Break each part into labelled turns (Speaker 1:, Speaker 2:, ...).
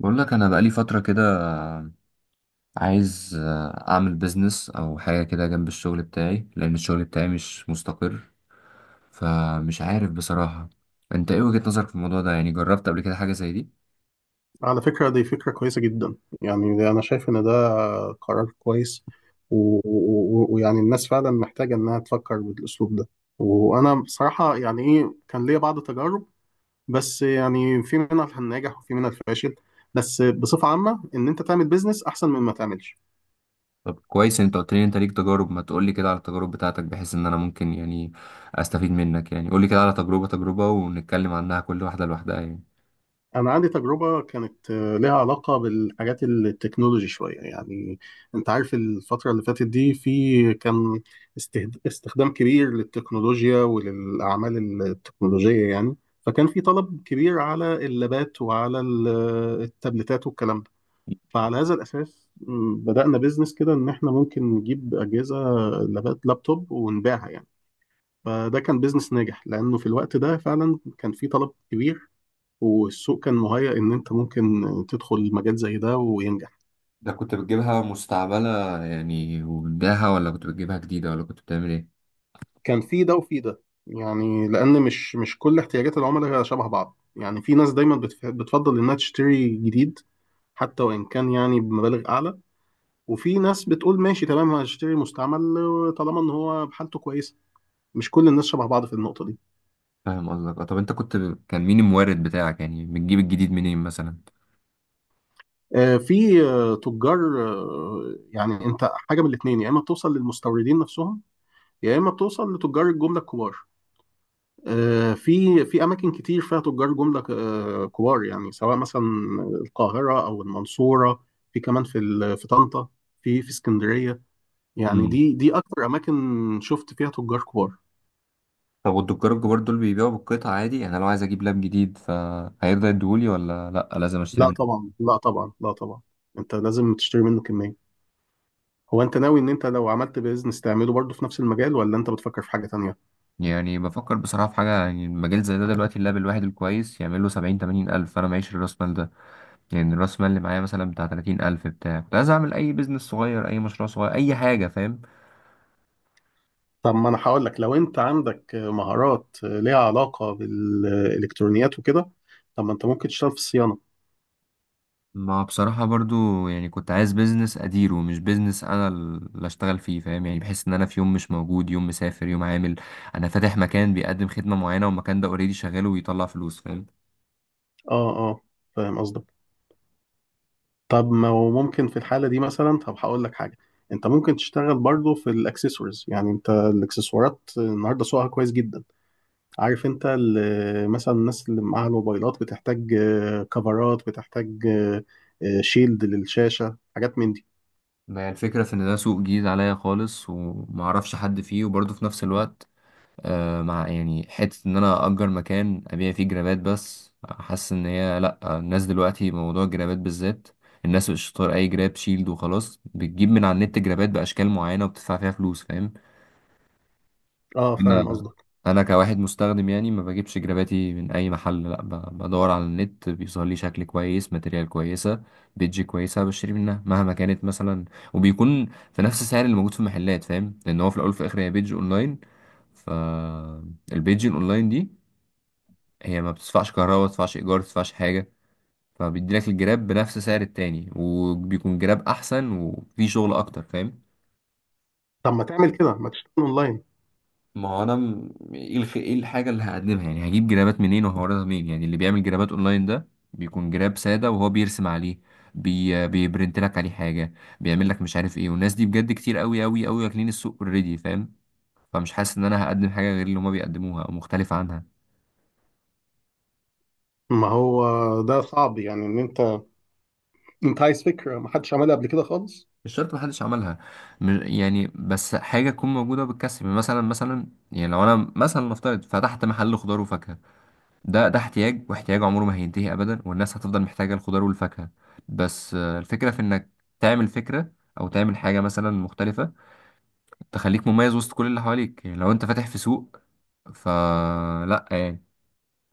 Speaker 1: بقول لك انا بقالي فتره كده عايز اعمل بيزنس او حاجه كده جنب الشغل بتاعي لان الشغل بتاعي مش مستقر. فمش عارف بصراحه، انت ايه وجهه نظرك في الموضوع ده؟ يعني جربت قبل كده حاجه زي دي؟
Speaker 2: على فكرة دي فكرة كويسة جدا. يعني ده أنا شايف إن ده قرار كويس. و- و- و- ويعني الناس فعلا محتاجة إنها تفكر بالأسلوب ده. وأنا بصراحة يعني إيه، كان ليا بعض تجارب، بس يعني في منها الناجح وفي منها الفاشل، بس بصفة عامة إن أنت تعمل بيزنس أحسن من ما تعملش.
Speaker 1: طب كويس إن انت قلت لي إن انت ليك تجارب. ما تقول لي كده على التجارب بتاعتك بحيث ان انا ممكن يعني استفيد منك. يعني قول لي كده على تجربه تجربه ونتكلم عنها كل واحده لوحدها يعني.
Speaker 2: أنا عندي تجربة كانت لها علاقة بالحاجات التكنولوجي شوية يعني. أنت عارف الفترة اللي فاتت دي في كان استخدام كبير للتكنولوجيا وللأعمال التكنولوجية يعني. فكان في طلب كبير على اللابات وعلى التابلتات والكلام ده. فعلى هذا الأساس بدأنا بيزنس كده إن إحنا ممكن نجيب أجهزة لابات لابتوب ونبيعها يعني. فده كان بيزنس ناجح لأنه في الوقت ده فعلا كان في طلب كبير، والسوق كان مهيأ إن أنت ممكن تدخل مجال زي ده وينجح.
Speaker 1: ده كنت بتجيبها مستعمله يعني وبتبيعها، ولا كنت بتجيبها جديده، ولا كنت بتعمل ايه؟
Speaker 2: كان في ده وفي ده، يعني لأن مش كل احتياجات العملاء شبه بعض. يعني في ناس دايما بتفضل إنها تشتري جديد، حتى وإن كان يعني بمبالغ أعلى، وفي ناس بتقول ماشي تمام هشتري مستعمل طالما إن هو حالته كويسة. مش كل الناس شبه بعض في النقطة دي.
Speaker 1: فاهم قصدك آه، طب انت كان مين المورد بتاعك؟ يعني بتجيب الجديد منين مثلا؟
Speaker 2: في تجار. يعني أنت حاجة من الاتنين، يا إما بتوصل للمستوردين نفسهم، يا إما بتوصل لتجار الجملة الكبار. في في اماكن كتير فيها تجار جمله كبار، يعني سواء مثلا القاهره او المنصوره، في كمان في طنطا، في اسكندريه. يعني
Speaker 1: امم
Speaker 2: دي اكتر اماكن شفت فيها تجار كبار.
Speaker 1: طب والدكار الكبار دول بيبيعوا بالقطع عادي؟ يعني لو عايز اجيب لاب جديد فهيرضى يديهولي ولا لا لازم اشتري
Speaker 2: لا
Speaker 1: منه؟
Speaker 2: طبعا، لا طبعا، لا طبعا. انت لازم تشتري منه كميه. هو انت ناوي ان انت لو عملت بيزنس تعمله برضه في نفس المجال، ولا انت بتفكر في حاجه تانية؟
Speaker 1: يعني بفكر بصراحة في حاجة، يعني المجال زي ده دلوقتي اللاب الواحد الكويس يعمل له 70 80 ألف، أنا معيش الراس مال ده. يعني الراس مال اللي معايا مثلا بتاع 30 ألف بتاع، كنت عايز أعمل أي بيزنس صغير، أي مشروع صغير، أي حاجة، فاهم؟
Speaker 2: طب ما انا هقول لك، لو انت عندك مهارات ليها علاقه بالالكترونيات وكده، طب ما انت ممكن تشتغل في الصيانه.
Speaker 1: ما بصراحة برضو يعني كنت عايز بيزنس أديره، مش بيزنس أنا اللي أشتغل فيه، فاهم؟ يعني بحس إن أنا في يوم مش موجود، يوم مسافر، يوم عامل. أنا فاتح مكان بيقدم خدمة معينة والمكان ده أوريدي شغال وبيطلع فلوس، فاهم؟
Speaker 2: اه اه، فاهم قصدك. طب ما هو ممكن في الحالة دي مثلا، طب هقول لك حاجة، انت ممكن تشتغل برضو في الاكسسوارز. يعني انت الاكسسوارات النهارده سوقها كويس جدا. عارف انت مثلا الناس اللي معاها الموبايلات بتحتاج كفرات، بتحتاج شيلد للشاشة، حاجات من دي.
Speaker 1: ما هي الفكرة في إن ده سوق جديد عليا خالص ومعرفش حد فيه، وبرضو في نفس الوقت آه، مع يعني حتة إن أنا أجر مكان أبيع فيه جرابات، بس حاسس إن هي لأ، الناس دلوقتي موضوع الجرابات بالذات الناس مش طار أي جراب شيلد وخلاص، بتجيب من على النت جرابات بأشكال معينة وبتدفع فيها فلوس، فاهم؟
Speaker 2: اه فاهم
Speaker 1: انا
Speaker 2: قصدك.
Speaker 1: انا كواحد مستخدم يعني ما بجيبش جراباتي من اي محل، لا بدور على النت، بيظهر لي شكل كويس، ماتريال كويسه، بيدج كويسه، بشتري منها مهما كانت مثلا، وبيكون في نفس السعر اللي موجود في المحلات، فاهم؟ لان هو في الاول وفي الاخر هي بيدج اونلاين، فالبيدج الاونلاين دي هي ما بتدفعش كهرباء، ما بتدفعش ايجار، ما بتدفعش حاجه. فبيدي لك الجراب بنفس سعر التاني وبيكون جراب احسن وفيه شغل اكتر، فاهم؟
Speaker 2: طب ما تعمل كده، ما تشتغل اونلاين.
Speaker 1: ما هو انا ايه الحاجه اللي هقدمها؟ يعني هجيب جرابات منين وهوردها منين؟ يعني اللي بيعمل جرابات اونلاين ده بيكون جراب ساده وهو بيرسم عليه، بيبرنت لك عليه حاجه، بيعمل لك مش عارف ايه. والناس دي بجد كتير قوي قوي قوي، واكلين السوق اوريدي، فاهم؟ فمش حاسس ان انا هقدم حاجه غير اللي هما بيقدموها او مختلفه عنها.
Speaker 2: ما هو ده صعب يعني ان انت، انت عايز فكرة ما حدش عملها قبل كده خالص.
Speaker 1: مش شرط محدش عملها، يعني بس حاجه تكون موجوده بتكسب، يعني مثلا يعني لو انا مثلا نفترض فتحت محل خضار وفاكهه، ده احتياج، واحتياج عمره ما هينتهي ابدا، والناس هتفضل محتاجه الخضار والفاكهه. بس آه، الفكره في انك تعمل فكره او تعمل حاجه مثلا مختلفه تخليك مميز وسط كل اللي حواليك. يعني لو انت فاتح في سوق فلا يعني،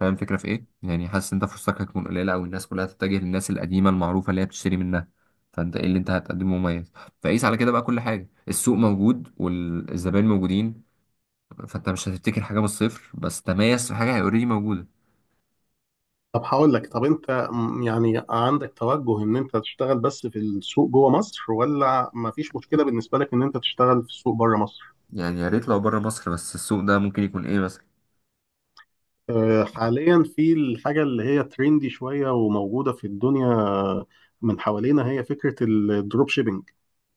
Speaker 1: فاهم الفكره في ايه؟ يعني حاسس انت فرصتك هتكون قليله، او الناس كلها تتجه للناس القديمه المعروفه اللي هي بتشتري منها، فانت ايه اللي انت هتقدمه مميز؟ فقيس على كده بقى، كل حاجه السوق موجود والزبائن موجودين، فانت مش هتبتكر حاجه من الصفر بس تميز في حاجه هي اوريدي موجوده.
Speaker 2: طب هقول لك، طب انت يعني عندك توجه ان انت تشتغل بس في السوق جوه مصر، ولا ما فيش مشكله بالنسبه لك ان انت تشتغل في السوق بره مصر؟
Speaker 1: يعني يا ريت لو بره مصر، بس السوق ده ممكن يكون ايه مثلا؟
Speaker 2: حاليا في الحاجه اللي هي تريندي شويه وموجوده في الدنيا من حوالينا، هي فكره الدروب شيبينج.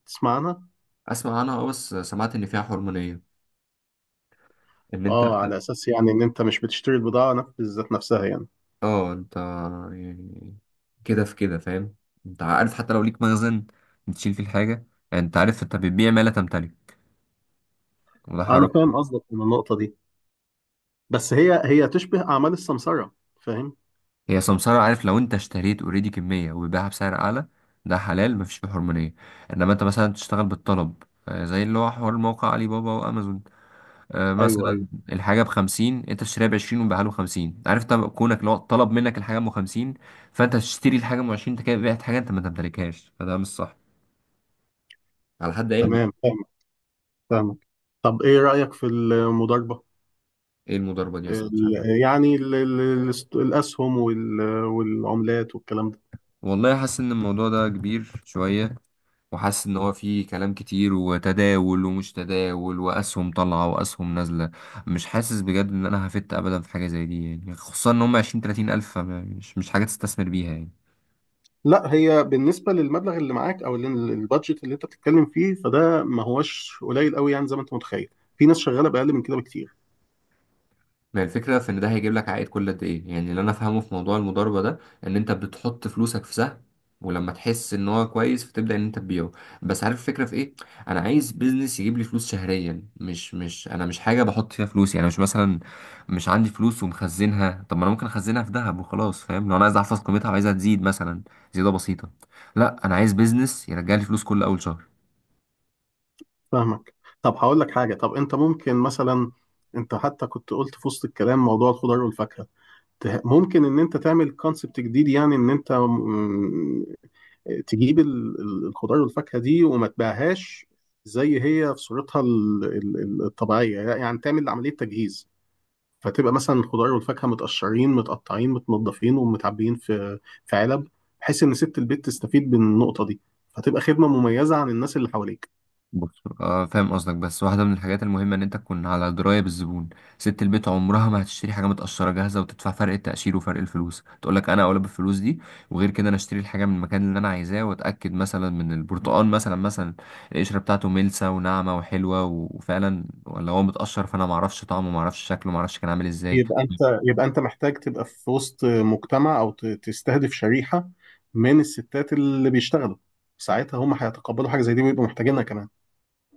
Speaker 2: تسمع عنها؟
Speaker 1: اسمع عنها اه، بس سمعت ان فيها حرمانية، ان انت
Speaker 2: اه، على اساس يعني ان انت مش بتشتري البضاعه بالذات نفسها يعني.
Speaker 1: اه، انت يعني كده في كده، فاهم؟ انت عارف حتى لو ليك مخزن بتشيل فيه الحاجة، يعني انت عارف انت بتبيع ما لا تمتلك، وده
Speaker 2: انا
Speaker 1: حرام.
Speaker 2: فاهم قصدك من النقطه دي، بس هي هي تشبه اعمال السمسره. فاهم؟
Speaker 1: هي سمسارة، عارف لو انت اشتريت اوريدي كمية وبيبيعها بسعر اعلى، ده حلال مفيش فيه حرمانية. انما انت مثلا تشتغل بالطلب آه، زي اللي هو حوار موقع علي بابا وامازون، آه،
Speaker 2: ايوه ايوه،
Speaker 1: مثلا الحاجة ب50 انت تشتريها ب20 وتبيعها له 50، عارف؟ طب كونك لو طلب منك الحاجة أم 50، فانت تشتري الحاجة أم 20، انت كده بعت حاجة انت ما تمتلكهاش، فده مش صح على حد علمي.
Speaker 2: تمام فاهم، فاهمك. طب ايه رايك في المضاربه؟
Speaker 1: ايه المضاربة دي؟ بس ما سمعتش عنها.
Speaker 2: الأسهم والعملات والكلام ده.
Speaker 1: والله حاسس ان الموضوع ده كبير شوية، وحاسس ان هو فيه كلام كتير وتداول ومش تداول واسهم طالعة واسهم نازلة. مش حاسس بجد ان انا هفت ابدا في حاجة زي دي، يعني خصوصا ان هم 20 30 ألف، فم- مش مش حاجة تستثمر بيها يعني.
Speaker 2: لا، هي بالنسبة للمبلغ اللي معاك أو اللي، البادجت اللي أنت بتتكلم فيه، فده ما هوش قليل قوي يعني زي ما أنت متخيل. في ناس شغالة بأقل من كده بكتير.
Speaker 1: ما الفكرة في إن ده هيجيب لك عائد كل قد إيه؟ يعني اللي أنا فاهمه في موضوع المضاربة ده إن أنت بتحط فلوسك في سهم، ولما تحس إن هو كويس فتبدأ إن أنت تبيعه. بس عارف الفكرة في إيه؟ أنا عايز بيزنس يجيب لي فلوس شهريا، مش أنا مش حاجة بحط فيها فلوس، يعني مش مثلا مش عندي فلوس ومخزنها، طب ما أنا ممكن أخزنها في ذهب وخلاص، فاهم؟ لو أنا عايز أحفظ قيمتها وعايزها تزيد مثلا زيادة بسيطة. لا أنا عايز بيزنس يرجع لي فلوس كل أول شهر.
Speaker 2: فاهمك. طب هقول لك حاجة، طب أنت ممكن مثلا، أنت حتى كنت قلت في وسط الكلام موضوع الخضار والفاكهة، ممكن إن أنت تعمل كونسبت جديد. يعني إن أنت تجيب الخضار والفاكهة دي وما تبيعهاش زي هي في صورتها الطبيعية. يعني تعمل عملية تجهيز، فتبقى مثلا الخضار والفاكهة متقشرين متقطعين متنضفين ومتعبيين في في علب، بحيث إن ست البيت تستفيد من النقطة دي، فتبقى خدمة مميزة عن الناس اللي حواليك.
Speaker 1: بص آه، فاهم قصدك، بس واحدة من الحاجات المهمة إن أنت تكون على دراية بالزبون. ست البيت عمرها ما هتشتري حاجة متقشرة جاهزة وتدفع فرق التقشير وفرق الفلوس، تقولك أنا أولى بالفلوس دي. وغير كده أنا أشتري الحاجة من المكان اللي أنا عايزاه وأتأكد مثلا من البرتقال، مثلا مثلا القشرة بتاعته ملسة وناعمة وحلوة وفعلا، ولا هو متقشر فأنا معرفش طعمه، معرفش شكله، معرفش كان عامل إزاي.
Speaker 2: يبقى أنت، يبقى أنت محتاج تبقى في وسط مجتمع، أو تستهدف شريحة من الستات اللي بيشتغلوا. ساعتها هم هيتقبلوا حاجة زي دي ويبقوا محتاجينها كمان.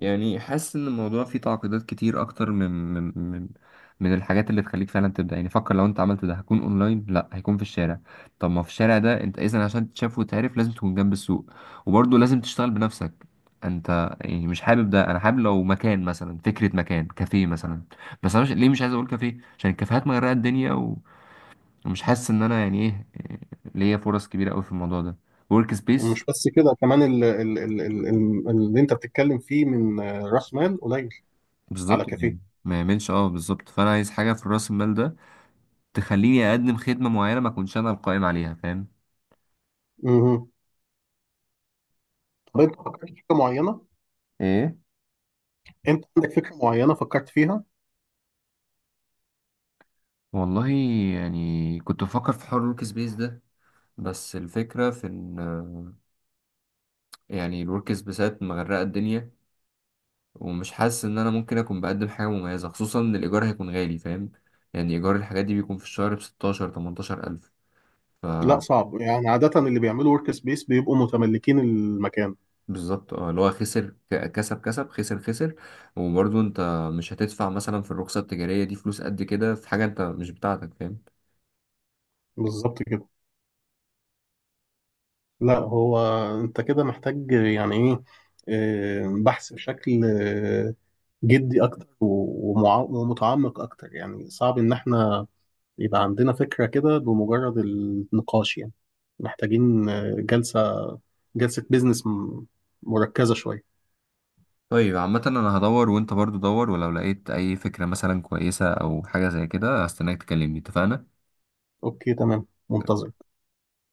Speaker 1: يعني حاسس ان الموضوع فيه تعقيدات كتير اكتر من من الحاجات اللي تخليك فعلا تبدا. يعني فكر لو انت عملت ده هكون اونلاين، لا هيكون في الشارع، طب ما في الشارع ده انت اذا عشان تتشاف وتعرف لازم تكون جنب السوق، وبرضه لازم تشتغل بنفسك انت، يعني مش حابب ده. انا حابب لو مكان مثلا، فكره مكان كافيه مثلا، بس انا مش ليه، مش عايز اقول كافيه عشان الكافيهات مغرقه الدنيا ومش حاسس ان انا يعني ايه، ليا فرص كبيره قوي في الموضوع ده. ورك سبيس.
Speaker 2: ومش بس كده، كمان اللي انت بتتكلم فيه من راس مال قليل على
Speaker 1: بالظبط
Speaker 2: كافيه.
Speaker 1: يعني ما يعملش اه، بالظبط، فانا عايز حاجه في راس المال ده تخليني اقدم خدمه معينه ما اكونش انا القائم عليها، فاهم؟
Speaker 2: مهم. طب انت فكرت في فكره معينه؟
Speaker 1: ايه؟
Speaker 2: انت عندك فكره معينه فكرت فيها؟
Speaker 1: والله يعني كنت بفكر في حوار الورك سبيس ده، بس الفكره في ان يعني الورك سبيسات مغرقه الدنيا، ومش حاسس ان انا ممكن اكون بقدم حاجه مميزه، خصوصا ان الايجار هيكون غالي، فاهم؟ يعني ايجار الحاجات دي بيكون في الشهر ب 16 18 الف، ف
Speaker 2: لا، صعب، يعني عاده اللي بيعملوا ورك سبيس بيبقوا متملكين المكان.
Speaker 1: بالظبط اه، اللي هو خسر كسب كسب خسر خسر. وبرضه انت مش هتدفع مثلا في الرخصه التجاريه دي فلوس قد كده في حاجه انت مش بتاعتك، فاهم؟
Speaker 2: بالظبط كده. لا هو، انت كده محتاج يعني ايه، بحث بشكل جدي اكتر ومتعمق اكتر. يعني صعب ان احنا يبقى عندنا فكرة كده بمجرد النقاش يعني. محتاجين جلسة، جلسة بيزنس مركزة شوية.
Speaker 1: طيب عامة انا هدور وانت برضو دور، ولو لقيت اي فكرة مثلا كويسة او حاجة زي كده هستناك تكلمني، اتفقنا؟
Speaker 2: اوكي تمام، منتظر.